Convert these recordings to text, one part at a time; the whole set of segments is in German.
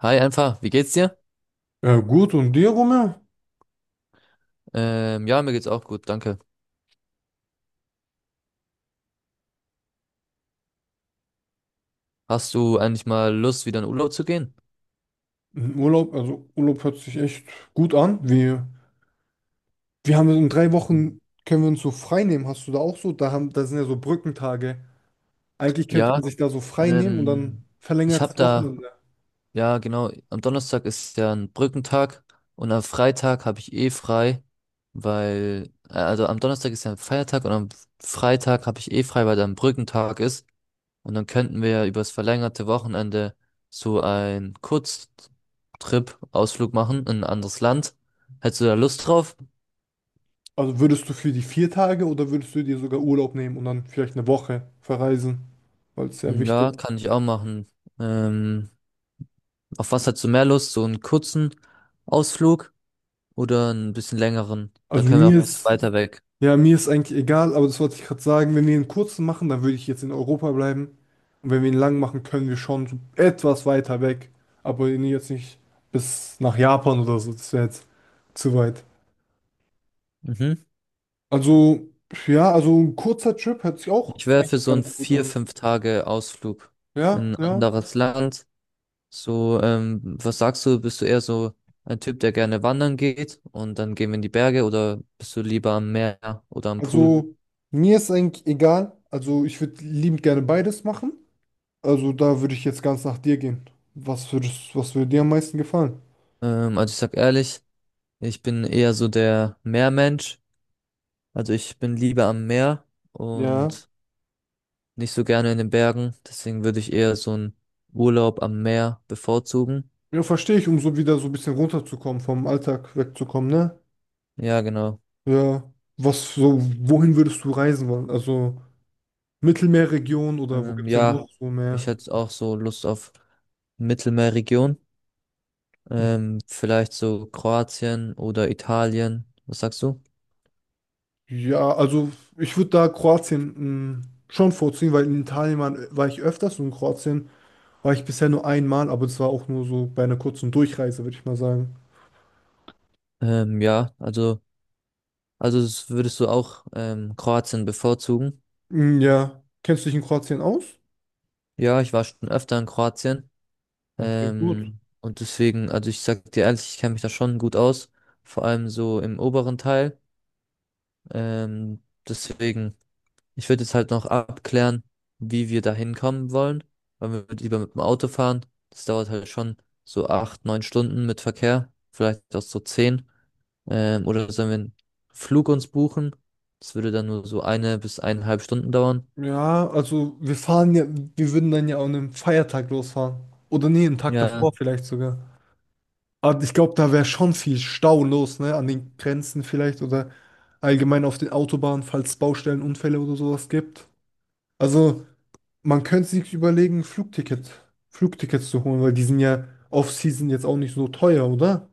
Hi, einfach, wie geht's dir? Gut, und dir, Rumme? Ja, mir geht's auch gut, danke. Hast du eigentlich mal Lust, wieder in Urlaub zu gehen? Urlaub, also Urlaub hört sich echt gut an. Wir haben in drei Mhm. Wochen, können wir uns so frei nehmen. Hast du da auch so? Da sind ja so Brückentage. Eigentlich könnte Ja, man sich da so frei nehmen und ähm, dann ich habe verlängertes Wochenende. ja genau, am Donnerstag ist ja ein Brückentag und am Freitag habe ich eh frei, also am Donnerstag ist ja ein Feiertag und am Freitag habe ich eh frei, weil da ein Brückentag ist. Und dann könnten wir ja übers verlängerte Wochenende so einen Kurztrip, Ausflug machen in ein anderes Land. Hättest du da Lust drauf? Also würdest du für die 4 Tage oder würdest du dir sogar Urlaub nehmen und dann vielleicht eine Woche verreisen? Weil es sehr Hm, wichtig ja, ist. kann ich auch machen. Ähm, auf was hast du mehr Lust? So einen kurzen Ausflug oder einen bisschen längeren? Da Also können wir auch mir ein bisschen ist weiter weg. Ja, mir ist eigentlich egal, aber das wollte ich gerade sagen. Wenn wir einen kurzen machen, dann würde ich jetzt in Europa bleiben. Und wenn wir ihn lang machen, können wir schon so etwas weiter weg. Aber ihn jetzt nicht bis nach Japan oder so. Das wäre jetzt zu weit. Mhm. Also, ja, also ein kurzer Trip hört sich auch Ich wäre für eigentlich so einen ganz gut vier, an. fünf Tage Ausflug in Ja, ein ja. anderes Land. So, was sagst du? Bist du eher so ein Typ, der gerne wandern geht und dann gehen wir in die Berge oder bist du lieber am Meer oder am Pool? Also, mir ist eigentlich egal. Also, ich würde liebend gerne beides machen. Also, da würde ich jetzt ganz nach dir gehen. Was würde dir am meisten gefallen? Also ich sag ehrlich, ich bin eher so der Meermensch. Also ich bin lieber am Meer Ja. und nicht so gerne in den Bergen, deswegen würde ich eher so einen Urlaub am Meer bevorzugen. Ja, verstehe ich, um so wieder so ein bisschen runterzukommen, vom Alltag wegzukommen, ne? Ja, genau. Ja. Wohin würdest du reisen wollen? Also Mittelmeerregion oder wo Ähm, gibt es denn ja, noch so Ich mehr? hätte auch so Lust auf Mittelmeerregion. Vielleicht so Kroatien oder Italien. Was sagst du? Ja, also ich würde da Kroatien schon vorziehen, weil in Italien war ich öfters und in Kroatien war ich bisher nur einmal, aber das war auch nur so bei einer kurzen Durchreise, würde ich mal sagen. Ähm, ja, also, also würdest du auch Kroatien bevorzugen? Mm, ja. Kennst du dich in Kroatien aus? Ja, ich war schon öfter in Kroatien. Okay, gut. Und deswegen, also ich sag dir ehrlich, ich kenne mich da schon gut aus. Vor allem so im oberen Teil. Deswegen. Ich würde jetzt halt noch abklären, wie wir da hinkommen wollen, weil wir lieber mit dem Auto fahren. Das dauert halt schon so acht, neun Stunden mit Verkehr, vielleicht auch so zehn. Oder sollen wir einen Flug uns buchen? Das würde dann nur so eine bis eineinhalb Stunden dauern. Ja, also wir würden dann ja an einem Feiertag losfahren. Oder nee, einen Tag Ja. davor vielleicht sogar. Aber ich glaube, da wäre schon viel Stau los, ne? An den Grenzen vielleicht oder allgemein auf den Autobahnen, falls es Baustellenunfälle oder sowas gibt. Also man könnte sich überlegen, Flugtickets zu holen, weil die sind ja Off-Season jetzt auch nicht so teuer, oder?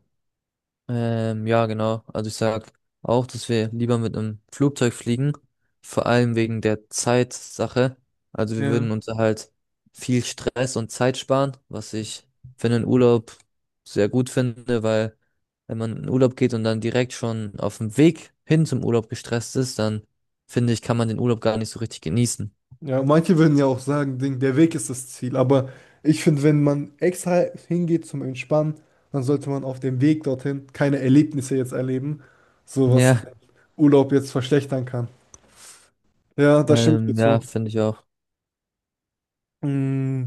Ja, genau. Also ich sag auch, dass wir lieber mit einem Flugzeug fliegen, vor allem wegen der Zeitsache. Also wir Ja. würden uns halt viel Stress und Zeit sparen, was ich für einen Urlaub sehr gut finde, weil wenn man in den Urlaub geht und dann direkt schon auf dem Weg hin zum Urlaub gestresst ist, dann finde ich, kann man den Urlaub gar nicht so richtig genießen. Ja, manche würden ja auch sagen, Ding, der Weg ist das Ziel. Aber ich finde, wenn man extra hingeht zum Entspannen, dann sollte man auf dem Weg dorthin keine Erlebnisse jetzt erleben, so was Ja, Urlaub jetzt verschlechtern kann. Ja, da stimme ich dir ja, zu. finde ich auch. Mm,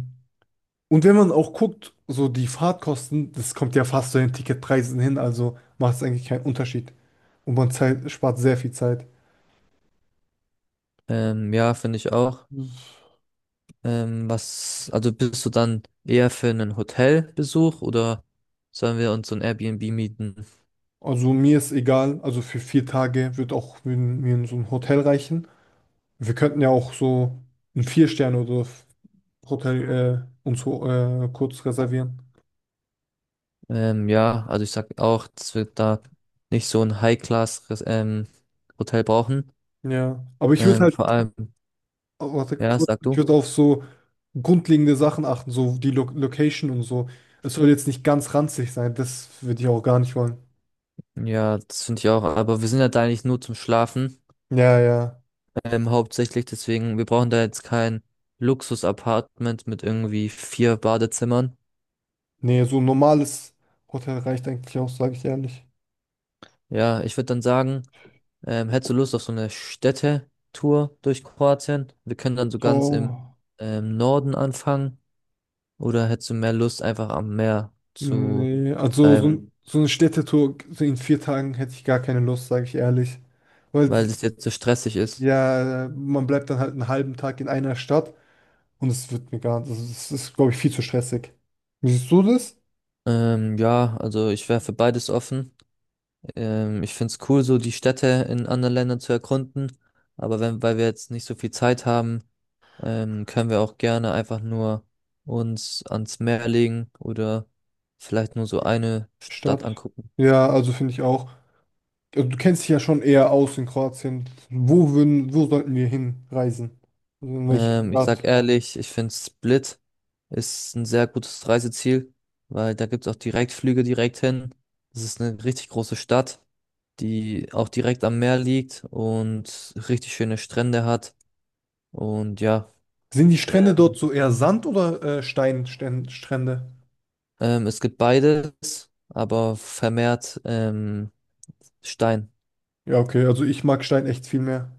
Und wenn man auch guckt, so die Fahrtkosten, das kommt ja fast zu den Ticketpreisen hin, also macht es eigentlich keinen Unterschied. Und man spart sehr viel Zeit. Ja, Finde ich auch. Also bist du dann eher für einen Hotelbesuch oder sollen wir uns so ein Airbnb mieten? Also mir ist egal, also für 4 Tage wird auch mir so ein Hotel reichen. Wir könnten ja auch so ein Vier-Sterne- Hotel uns kurz reservieren. Ja, also ich sag auch, dass wir da nicht so ein High-Class, Hotel brauchen. Ja. Ähm, vor allem, Oh, warte ja, kurz, sag ich du. würde auf so grundlegende Sachen achten, so die Lo Location und so. Es soll jetzt nicht ganz ranzig sein, das würde ich auch gar nicht wollen. Ja, das finde ich auch. Aber wir sind ja da eigentlich nur zum Schlafen. Ja, ja. Hauptsächlich deswegen, wir brauchen da jetzt kein Luxus-Apartment mit irgendwie vier Badezimmern. Nee, so ein normales Hotel reicht eigentlich auch, sage ich ehrlich. Ja, ich würde dann sagen, hättest du Lust auf so eine Städtetour durch Kroatien? Wir können dann so ganz im Oh, Norden anfangen. Oder hättest du mehr Lust, einfach am Meer zu nee. Also bleiben, so eine Städtetour so in 4 Tagen hätte ich gar keine Lust, sage ich ehrlich. Weil weil es jetzt so stressig ist? Ja, man bleibt dann halt einen halben Tag in einer Stadt und es wird mir gar nicht, also es ist, glaube ich, viel zu stressig. Wie siehst du das? Ja, also ich wäre für beides offen. Ich finde es cool, so die Städte in anderen Ländern zu erkunden. Aber wenn, weil wir jetzt nicht so viel Zeit haben, können wir auch gerne einfach nur uns ans Meer legen oder vielleicht nur so eine Stadt Stadt? angucken. Ja, also finde ich auch. Also du kennst dich ja schon eher aus in Kroatien. Wo sollten wir hinreisen? Also in welche Ich sag Stadt? ehrlich, ich finde Split ist ein sehr gutes Reiseziel, weil da gibt's auch Direktflüge direkt hin. Das ist eine richtig große Stadt, die auch direkt am Meer liegt und richtig schöne Strände hat. Und ja, Sind die Strände dort ähm, so eher Sand oder Steinstrände? Es gibt beides, aber vermehrt Stein. Ja, okay, also ich mag Stein echt viel mehr.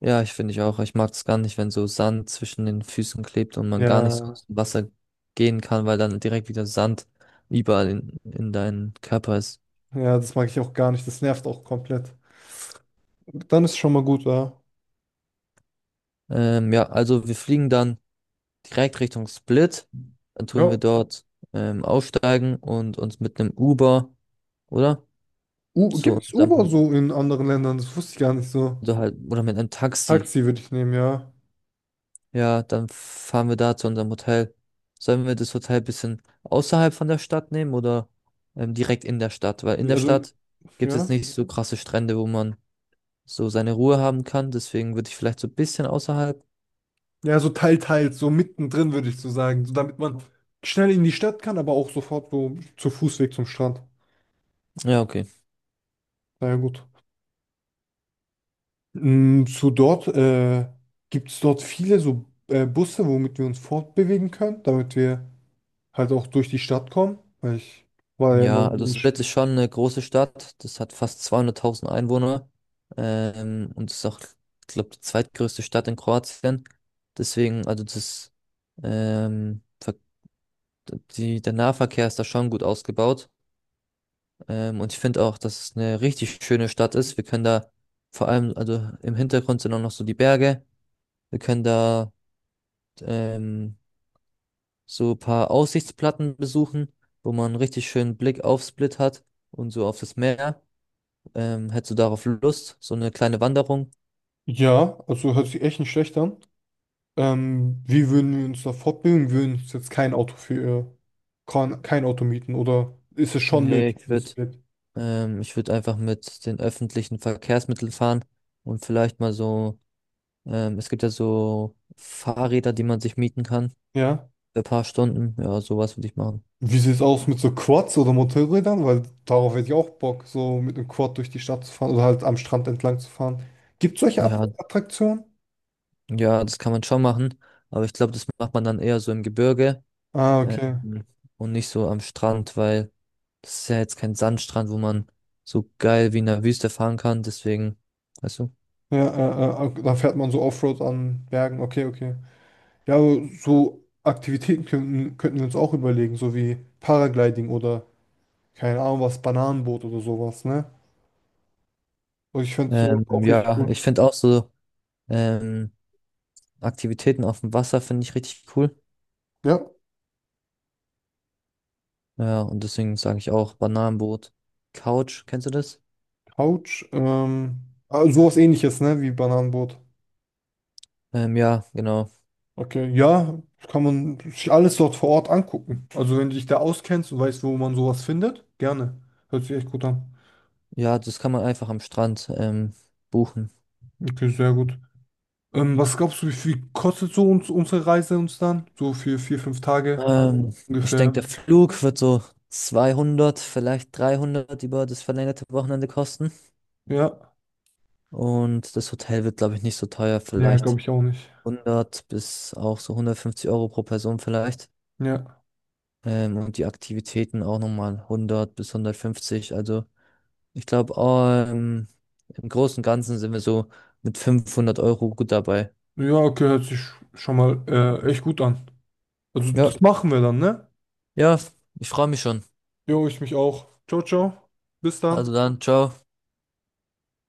Ja, ich finde ich auch. Ich mag es gar nicht, wenn so Sand zwischen den Füßen klebt und man gar nicht so Ja, aus dem Wasser gehen kann, weil dann direkt wieder Sand überall in deinen Körper ist. ja, das mag ich auch gar nicht. Das nervt auch komplett. Dann ist schon mal gut, ja. Ja, also wir fliegen dann direkt Richtung Split. Dann tun Ja. wir dort aussteigen und uns mit einem Uber, oder? U Zu Gibt's Uber unserem, so in anderen Ländern? Das wusste ich gar nicht so. oder halt, oder mit einem Taxi. Taxi würde ich nehmen, ja. Ja, dann fahren wir da zu unserem Hotel. Sollen wir das Hotel ein bisschen außerhalb von der Stadt nehmen oder direkt in der Stadt? Weil in der Also, Stadt gibt es ja. nicht so krasse Strände, wo man so seine Ruhe haben kann. Deswegen würde ich vielleicht so ein bisschen außerhalb. Ja, so teils, so mittendrin würde ich so sagen. So, damit man schnell in die Stadt kann, aber auch sofort so zu Fußweg zum Strand. Ja, okay. Na ja, gut. Mm, zu dort, äh, Gibt es dort viele so Busse, womit wir uns fortbewegen können, damit wir halt auch durch die Stadt kommen. Weil ich war ja Ja, noch also nicht. Split ist schon eine große Stadt. Das hat fast 200.000 Einwohner. Und ist auch, glaube die zweitgrößte Stadt in Kroatien. Deswegen, also das, Ver- Die, der Nahverkehr ist da schon gut ausgebaut. Und ich finde auch, dass es eine richtig schöne Stadt ist. Wir können da vor allem, also im Hintergrund sind auch noch so die Berge. Wir können da ähm, so ein paar Aussichtsplatten besuchen, wo man einen richtig schönen Blick auf Split hat und so auf das Meer. Hättest du darauf Lust? So eine kleine Wanderung? Ja, also hört sich echt nicht schlecht an. Wie würden wir uns da fortbilden? Wir würden uns jetzt kein Auto mieten oder ist es schon Nee, nötig, ich ein würde Split? ähm, ich würde einfach mit den öffentlichen Verkehrsmitteln fahren und vielleicht mal so, es gibt ja so Fahrräder, die man sich mieten kann Ja. für ein paar Stunden. Ja, sowas würde ich machen. Wie sieht es aus mit so Quads oder Motorrädern? Weil darauf hätte ich auch Bock, so mit einem Quad durch die Stadt zu fahren oder halt am Strand entlang zu fahren. Gibt es solche Ja, Attraktionen? ja, das kann man schon machen, aber ich glaube, das macht man dann eher so im Gebirge, Ah, okay. ähm, und nicht so am Strand, weil das ist ja jetzt kein Sandstrand, wo man so geil wie in der Wüste fahren kann. Deswegen, weißt du? Ja, da fährt man so Offroad an Bergen. Okay, okay. Ja, aber so Aktivitäten könnten wir uns auch überlegen, so wie Paragliding oder keine Ahnung was, Bananenboot oder sowas, ne? Und ich finde so auch richtig Ja, cool. Ich finde auch so ähm, Aktivitäten auf dem Wasser finde ich richtig cool. Ja, Ja, und deswegen sage ich auch Bananenboot, Couch, kennst du das? Couch. Sowas ähnliches, ne, wie Bananenboot. Ja, genau. Okay, ja, kann man sich alles dort vor Ort angucken. Also wenn du dich da auskennst und weißt, wo man sowas findet, gerne. Hört sich echt gut an. Ja, das kann man einfach am Strand buchen. Okay, sehr gut. Was glaubst du, wie viel kostet so uns unsere Reise uns dann? So für 4, 5 Tage Ähm, Ich ungefähr. denke, der Flug wird so 200 vielleicht 300 über das verlängerte Wochenende kosten. Ja. Und das Hotel wird, glaube ich, nicht so teuer, Ja, vielleicht glaube ich auch nicht. 100 bis auch so 150 Euro pro Person vielleicht. Ja. Und die Aktivitäten auch nochmal 100 bis 150. Also ich glaube, im Großen und Ganzen sind wir so mit 500 Euro gut dabei. Ja, okay, hört sich schon mal echt gut an. Also Ja, das machen wir dann, ne? ja, ich freue mich schon. Jo, ich mich auch. Ciao, ciao. Bis dann. Also dann, ciao.